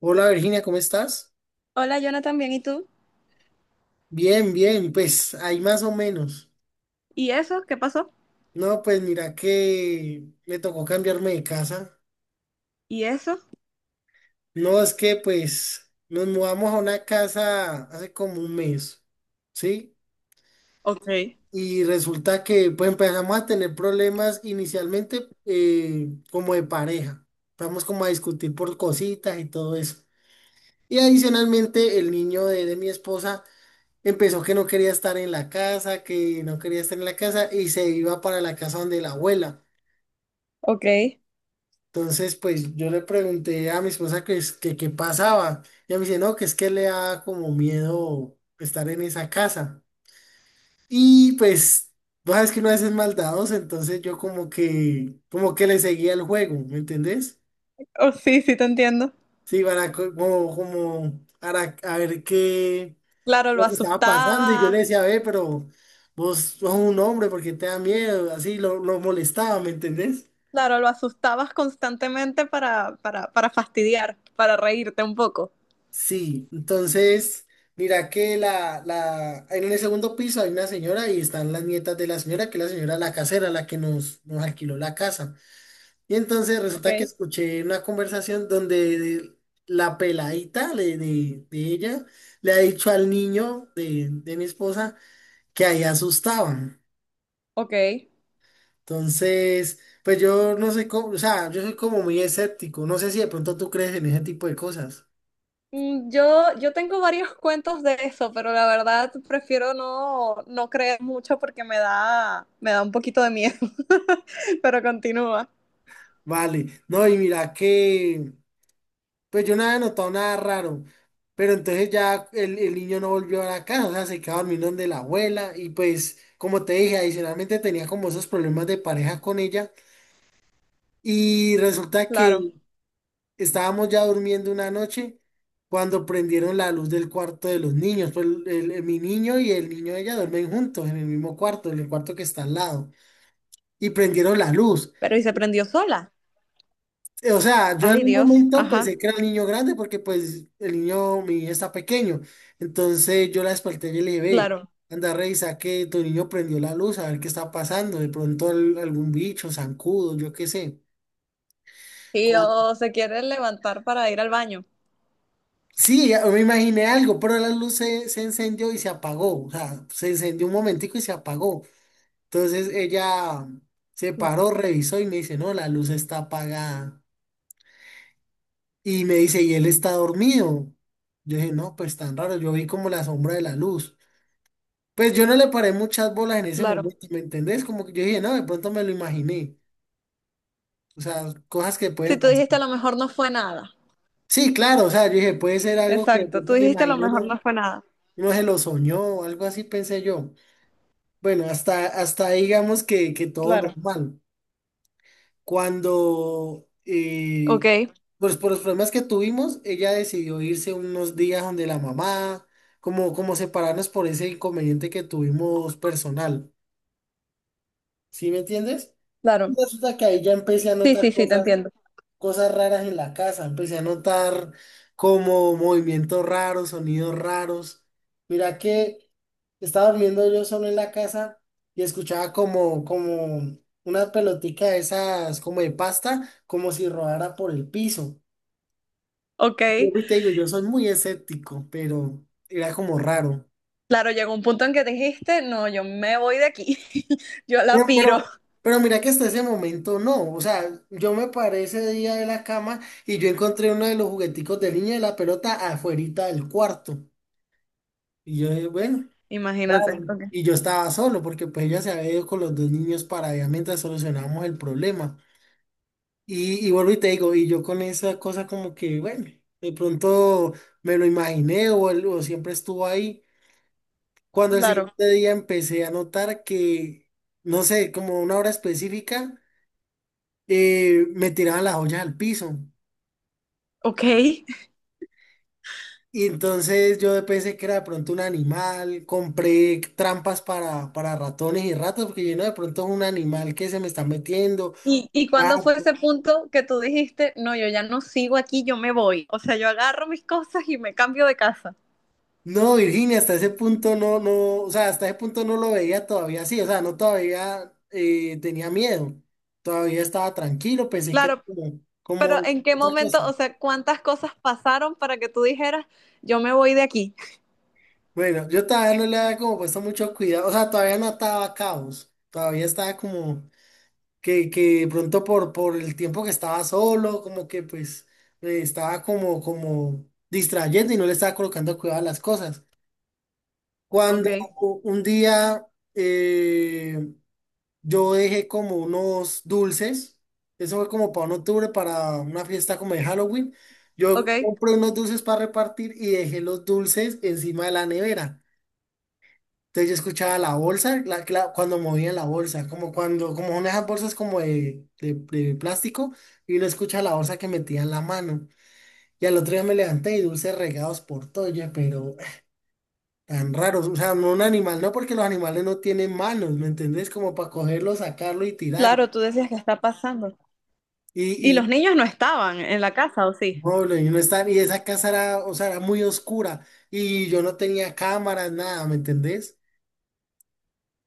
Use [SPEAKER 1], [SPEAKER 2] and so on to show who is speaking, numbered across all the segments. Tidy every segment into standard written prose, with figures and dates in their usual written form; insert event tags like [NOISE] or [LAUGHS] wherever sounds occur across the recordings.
[SPEAKER 1] Hola Virginia, ¿cómo estás?
[SPEAKER 2] Hola, Jonathan, bien, ¿y tú?
[SPEAKER 1] Bien, bien, pues ahí más o menos.
[SPEAKER 2] ¿Y eso? ¿Qué pasó?
[SPEAKER 1] No, pues mira que me tocó cambiarme de casa.
[SPEAKER 2] ¿Y eso?
[SPEAKER 1] No, es que pues nos mudamos a una casa hace como un mes, ¿sí?
[SPEAKER 2] Ok.
[SPEAKER 1] Y resulta que pues empezamos a tener problemas inicialmente como de pareja. Vamos como a discutir por cositas y todo eso. Y adicionalmente el niño de mi esposa empezó que no quería estar en la casa, que no quería estar en la casa, y se iba para la casa donde la abuela.
[SPEAKER 2] Ok.
[SPEAKER 1] Entonces, pues yo le pregunté a mi esposa que, que qué pasaba. Ella me dice, no, que es que le da como miedo estar en esa casa. Y pues, vos sabes que uno a veces es maldadoso, entonces yo como que le seguía el juego, ¿me entendés?
[SPEAKER 2] Oh, sí, sí te entiendo.
[SPEAKER 1] Sí, para como, como, para a ver qué
[SPEAKER 2] Claro, lo
[SPEAKER 1] lo que estaba pasando, y yo le
[SPEAKER 2] asustabas.
[SPEAKER 1] decía, ve, pero vos sos un hombre, porque te da miedo? Así lo molestaba, ¿me entendés?
[SPEAKER 2] Claro, lo asustabas constantemente para fastidiar, para reírte un poco.
[SPEAKER 1] Sí, entonces, mira que en el segundo piso hay una señora y están las nietas de la señora, que es la señora la casera, la que nos alquiló la casa. Y entonces resulta que
[SPEAKER 2] Ok.
[SPEAKER 1] escuché una conversación donde la peladita de ella le ha dicho al niño de mi esposa que ahí asustaban.
[SPEAKER 2] Ok.
[SPEAKER 1] Entonces, pues yo no soy como, o sea, yo soy como muy escéptico. No sé si de pronto tú crees en ese tipo de cosas.
[SPEAKER 2] Mm, yo tengo varios [LAUGHS] cuentos de eso, pero la verdad prefiero no creer mucho porque me da un poquito de miedo. [LAUGHS] Pero continúa.
[SPEAKER 1] Vale, no, y mira que, pues yo no había notado nada raro, pero entonces ya el niño no volvió a la casa, o sea, se quedó dormido donde la abuela, y pues, como te dije, adicionalmente tenía como esos problemas de pareja con ella, y resulta
[SPEAKER 2] Claro.
[SPEAKER 1] que estábamos ya durmiendo una noche cuando prendieron la luz del cuarto de los niños. Pues mi niño y el niño de ella duermen juntos en el mismo cuarto, en el cuarto que está al lado. Y prendieron la luz.
[SPEAKER 2] ¿Pero y se prendió sola?
[SPEAKER 1] O sea, yo en
[SPEAKER 2] Ay,
[SPEAKER 1] un
[SPEAKER 2] Dios.
[SPEAKER 1] momento
[SPEAKER 2] Ajá.
[SPEAKER 1] pensé que era el niño grande, porque pues el niño, mi niño está pequeño. Entonces yo la desperté y le dije, ve,
[SPEAKER 2] Claro.
[SPEAKER 1] anda, revisa que tu niño prendió la luz, a ver qué está pasando. De pronto algún bicho, zancudo, yo qué sé.
[SPEAKER 2] ¿Y o se quiere levantar para ir al baño?
[SPEAKER 1] Sí, ya me imaginé algo, pero la luz se encendió y se apagó. O sea, se encendió un momentico y se apagó. Entonces ella se
[SPEAKER 2] No,
[SPEAKER 1] paró, revisó y me dice, no, la luz está apagada. Y me dice, y él está dormido. Yo dije, no, pues tan raro, yo vi como la sombra de la luz. Pues yo no le paré muchas bolas en ese
[SPEAKER 2] claro,
[SPEAKER 1] momento, ¿me entendés? Como que yo dije, no, de pronto me lo imaginé. O sea, cosas que
[SPEAKER 2] si
[SPEAKER 1] pueden
[SPEAKER 2] tú
[SPEAKER 1] pasar.
[SPEAKER 2] dijiste a lo mejor no fue nada.
[SPEAKER 1] Sí, claro, o sea, yo dije, puede ser algo que de
[SPEAKER 2] Exacto. Tú
[SPEAKER 1] pronto me
[SPEAKER 2] dijiste a lo
[SPEAKER 1] imaginé,
[SPEAKER 2] mejor
[SPEAKER 1] no,
[SPEAKER 2] no fue nada.
[SPEAKER 1] no se lo soñó, algo así pensé yo. Bueno, hasta ahí digamos que todo
[SPEAKER 2] Claro.
[SPEAKER 1] normal. Cuando,
[SPEAKER 2] Ok,
[SPEAKER 1] pues por los problemas que tuvimos, ella decidió irse unos días donde la mamá, como, como separarnos por ese inconveniente que tuvimos personal. ¿Sí me entiendes?
[SPEAKER 2] claro.
[SPEAKER 1] Resulta que ahí ya empecé a
[SPEAKER 2] Sí,
[SPEAKER 1] notar
[SPEAKER 2] sí, sí, te
[SPEAKER 1] cosas,
[SPEAKER 2] entiendo.
[SPEAKER 1] cosas raras en la casa. Empecé a notar como movimientos raros, sonidos raros. Mira que estaba durmiendo yo solo en la casa y escuchaba como, como una pelotica de esas, como de pasta, como si rodara por el piso.
[SPEAKER 2] Ok,
[SPEAKER 1] Y te digo, yo soy muy escéptico, pero era como raro.
[SPEAKER 2] claro, llegó un punto en que dijiste, no, yo me voy de aquí. [LAUGHS] Yo
[SPEAKER 1] Pero,
[SPEAKER 2] la
[SPEAKER 1] pero,
[SPEAKER 2] piro.
[SPEAKER 1] pero mira que hasta ese momento no. O sea, yo me paré ese día de la cama y yo encontré uno de los jugueticos de niña de la pelota afuerita del cuarto. Y yo, bueno, claro,
[SPEAKER 2] Imagínate. Ok,
[SPEAKER 1] y yo estaba solo porque pues ella se había ido con los dos niños para allá mientras solucionamos el problema. Y vuelvo y te digo, y yo con esa cosa como que, bueno, de pronto me lo imaginé o, o siempre estuvo ahí. Cuando el
[SPEAKER 2] claro.
[SPEAKER 1] siguiente día empecé a notar que, no sé, como una hora específica, me tiraban las ollas al piso.
[SPEAKER 2] Ok.
[SPEAKER 1] Y entonces yo pensé que era de pronto un animal, compré trampas para ratones y ratas, porque yo no, de pronto es un animal que se me está metiendo.
[SPEAKER 2] Y
[SPEAKER 1] Ah,
[SPEAKER 2] cuándo fue ese punto que tú dijiste, no, yo ya no sigo aquí, yo me voy? O sea, yo agarro mis cosas y me cambio de casa.
[SPEAKER 1] no, Virginia, hasta ese punto no, no, o sea, hasta ese punto no lo veía todavía así, o sea, no todavía tenía miedo, todavía estaba tranquilo, pensé que era
[SPEAKER 2] Claro.
[SPEAKER 1] como, como
[SPEAKER 2] Pero ¿en qué
[SPEAKER 1] otra cosa.
[SPEAKER 2] momento, o sea, cuántas cosas pasaron para que tú dijeras, yo me voy de aquí?
[SPEAKER 1] Bueno, yo todavía no le había como puesto mucho cuidado, o sea, todavía no ataba cabos, todavía estaba como... que de pronto por el tiempo que estaba solo, como que pues me estaba como, como distrayendo y no le estaba colocando cuidado a las cosas.
[SPEAKER 2] Ok,
[SPEAKER 1] Cuando un día eh, yo dejé como unos dulces, eso fue como para un octubre, para una fiesta como de Halloween, yo
[SPEAKER 2] ok.
[SPEAKER 1] compré unos dulces para repartir y dejé los dulces encima de la nevera. Entonces yo escuchaba la bolsa, cuando movían la bolsa, como cuando, como son esas bolsas como de plástico, y uno escucha la bolsa que metía en la mano. Y al otro día me levanté y dulces regados por todo, oye, pero [SIGHS] tan raros. O sea, no un animal, no, porque los animales no tienen manos, ¿me entendés? Como para cogerlo, sacarlo y tirarlo.
[SPEAKER 2] Claro, tú decías, que está pasando?
[SPEAKER 1] Y,
[SPEAKER 2] ¿Y los
[SPEAKER 1] y,
[SPEAKER 2] niños no estaban en la casa, o sí?
[SPEAKER 1] pobre, y, no está, y esa casa era, o sea, era muy oscura. Y yo no tenía cámaras, nada, ¿me entendés?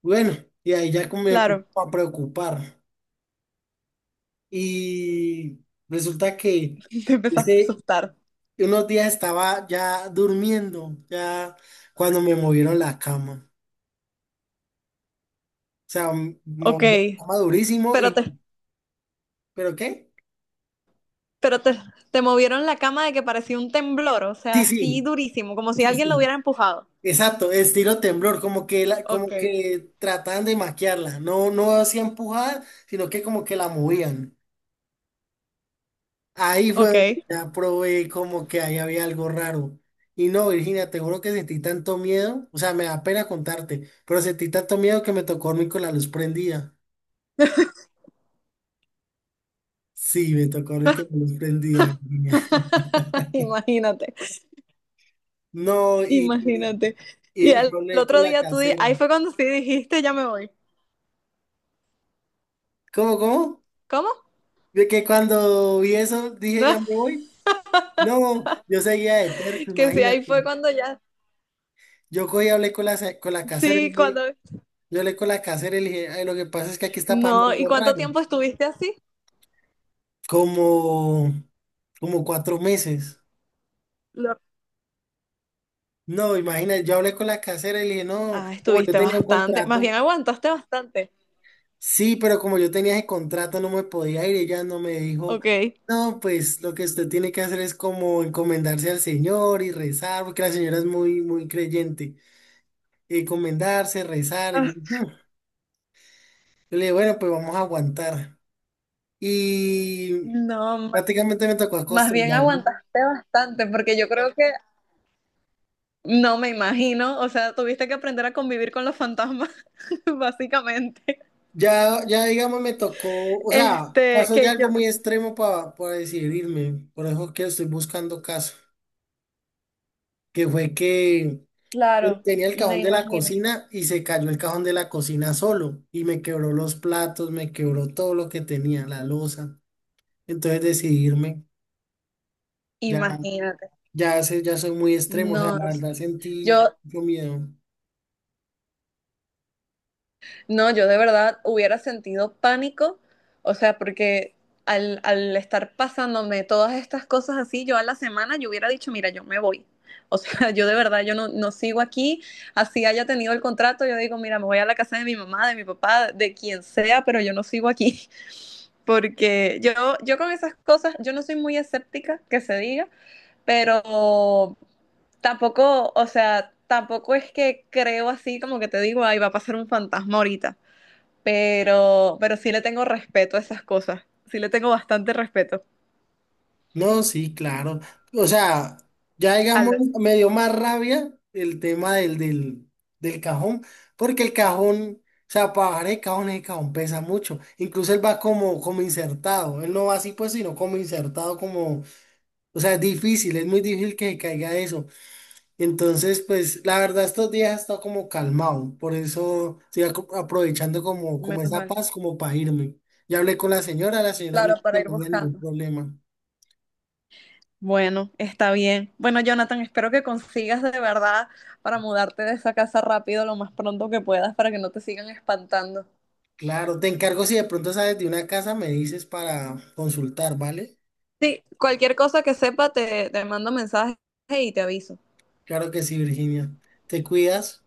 [SPEAKER 1] Bueno, y ahí ya como me empezó
[SPEAKER 2] Claro,
[SPEAKER 1] a preocupar. Y resulta que
[SPEAKER 2] [LAUGHS] te empezaste a
[SPEAKER 1] ese,
[SPEAKER 2] asustar.
[SPEAKER 1] unos días estaba ya durmiendo, ya cuando me movieron la cama. O sea,
[SPEAKER 2] Ok,
[SPEAKER 1] moví la cama durísimo
[SPEAKER 2] pero
[SPEAKER 1] y,
[SPEAKER 2] te,
[SPEAKER 1] ¿pero qué?
[SPEAKER 2] pero te movieron la cama, de que parecía un temblor, o sea,
[SPEAKER 1] Sí,
[SPEAKER 2] así
[SPEAKER 1] sí,
[SPEAKER 2] durísimo, como si
[SPEAKER 1] sí,
[SPEAKER 2] alguien lo hubiera
[SPEAKER 1] sí,
[SPEAKER 2] empujado.
[SPEAKER 1] exacto, estilo temblor, como que la,
[SPEAKER 2] Ok.
[SPEAKER 1] como que trataban de maquiarla. No, no hacían empujar, sino que como que la movían. Ahí fue donde
[SPEAKER 2] Ok.
[SPEAKER 1] ya probé como que ahí había algo raro. Y no, Virginia, te juro que sentí tanto miedo, o sea, me da pena contarte, pero sentí tanto miedo que me tocó dormir con la luz prendida. Sí, me tocó dormir con la luz prendida, Virginia. [LAUGHS]
[SPEAKER 2] [LAUGHS] Imagínate,
[SPEAKER 1] No,
[SPEAKER 2] imagínate. Y
[SPEAKER 1] y
[SPEAKER 2] al,
[SPEAKER 1] yo
[SPEAKER 2] el
[SPEAKER 1] hablé con
[SPEAKER 2] otro
[SPEAKER 1] la
[SPEAKER 2] día tú di- ahí
[SPEAKER 1] casera.
[SPEAKER 2] fue cuando sí dijiste, ya me voy.
[SPEAKER 1] ¿Cómo, cómo?
[SPEAKER 2] ¿Cómo? [LAUGHS]
[SPEAKER 1] De que cuando vi eso dije,
[SPEAKER 2] No.
[SPEAKER 1] ya me voy. No, yo seguía de terco,
[SPEAKER 2] Que sí, ahí
[SPEAKER 1] imagínate.
[SPEAKER 2] fue cuando ya,
[SPEAKER 1] Yo cogí y hablé con la casera y
[SPEAKER 2] sí, cuando,
[SPEAKER 1] le, yo hablé con la casera y le dije, "Ay, lo que pasa es que aquí está pasando
[SPEAKER 2] no, ¿y
[SPEAKER 1] algo
[SPEAKER 2] cuánto
[SPEAKER 1] raro".
[SPEAKER 2] tiempo estuviste así?
[SPEAKER 1] Como, como cuatro meses.
[SPEAKER 2] Lo-
[SPEAKER 1] No, imagínate, yo hablé con la casera y le dije, no,
[SPEAKER 2] Ah,
[SPEAKER 1] como yo
[SPEAKER 2] estuviste
[SPEAKER 1] tenía un
[SPEAKER 2] bastante, más
[SPEAKER 1] contrato,
[SPEAKER 2] bien aguantaste bastante,
[SPEAKER 1] sí, pero como yo tenía ese contrato no me podía ir, ella no me dijo,
[SPEAKER 2] ok.
[SPEAKER 1] no, pues lo que usted tiene que hacer es como encomendarse al Señor y rezar, porque la señora es muy, muy creyente, encomendarse, rezar,
[SPEAKER 2] Ah,
[SPEAKER 1] y yo, "Hmm". Yo le dije, bueno, pues vamos a aguantar. Y
[SPEAKER 2] no, ma-
[SPEAKER 1] prácticamente me tocó
[SPEAKER 2] más bien
[SPEAKER 1] acostumbrarme.
[SPEAKER 2] aguantaste bastante, porque yo creo que, no me imagino, o sea, tuviste que aprender a convivir con los fantasmas, [LAUGHS] básicamente.
[SPEAKER 1] Ya, digamos, me tocó, o sea,
[SPEAKER 2] Este,
[SPEAKER 1] pasó ya
[SPEAKER 2] que
[SPEAKER 1] algo
[SPEAKER 2] yo,
[SPEAKER 1] muy extremo para decidirme, por eso que estoy buscando caso, que fue que
[SPEAKER 2] claro,
[SPEAKER 1] tenía el
[SPEAKER 2] me
[SPEAKER 1] cajón de la
[SPEAKER 2] imagino,
[SPEAKER 1] cocina y se cayó el cajón de la cocina solo y me quebró los platos, me quebró todo lo que tenía, la loza, entonces decidirme, ya,
[SPEAKER 2] imagínate.
[SPEAKER 1] ya, ya soy muy extremo, o
[SPEAKER 2] No,
[SPEAKER 1] sea, la verdad
[SPEAKER 2] yo
[SPEAKER 1] sentí mucho miedo.
[SPEAKER 2] No, yo de verdad hubiera sentido pánico, o sea, porque al, al estar pasándome todas estas cosas así, yo a la semana yo hubiera dicho, mira, yo me voy. O [LAUGHS] sea, yo de verdad, yo no sigo aquí, así haya tenido el contrato, yo digo, mira, me voy a la casa de mi mamá, de mi papá, de quien sea, pero yo no sigo aquí, [LAUGHS] porque yo con esas cosas, yo no soy muy escéptica, que se diga, pero tampoco, o sea, tampoco es que creo así como que te digo, ay, va a pasar un fantasma ahorita, pero sí le tengo respeto a esas cosas. Sí le tengo bastante respeto.
[SPEAKER 1] No, sí, claro. O sea, ya digamos,
[SPEAKER 2] Al,
[SPEAKER 1] me dio más rabia el tema del cajón, porque el cajón, o sea, para bajar el cajón pesa mucho. Incluso él va como, como insertado. Él no va así, pues, sino como insertado, como, o sea, es difícil, es muy difícil que se caiga eso. Entonces, pues, la verdad, estos días he estado como calmado. Por eso estoy aprovechando como, como
[SPEAKER 2] menos
[SPEAKER 1] esa
[SPEAKER 2] mal.
[SPEAKER 1] paz, como para irme. Ya hablé con la señora me
[SPEAKER 2] Claro,
[SPEAKER 1] dijo que
[SPEAKER 2] para ir
[SPEAKER 1] no había ningún
[SPEAKER 2] buscando.
[SPEAKER 1] problema.
[SPEAKER 2] Bueno, está bien. Bueno, Jonathan, espero que consigas de verdad para mudarte de esa casa rápido, lo más pronto que puedas, para que no te sigan espantando.
[SPEAKER 1] Claro, te encargo si de pronto sabes de una casa, me dices para consultar, ¿vale?
[SPEAKER 2] Sí, cualquier cosa que sepa te mando mensaje y te aviso.
[SPEAKER 1] Claro que sí, Virginia. Te cuidas.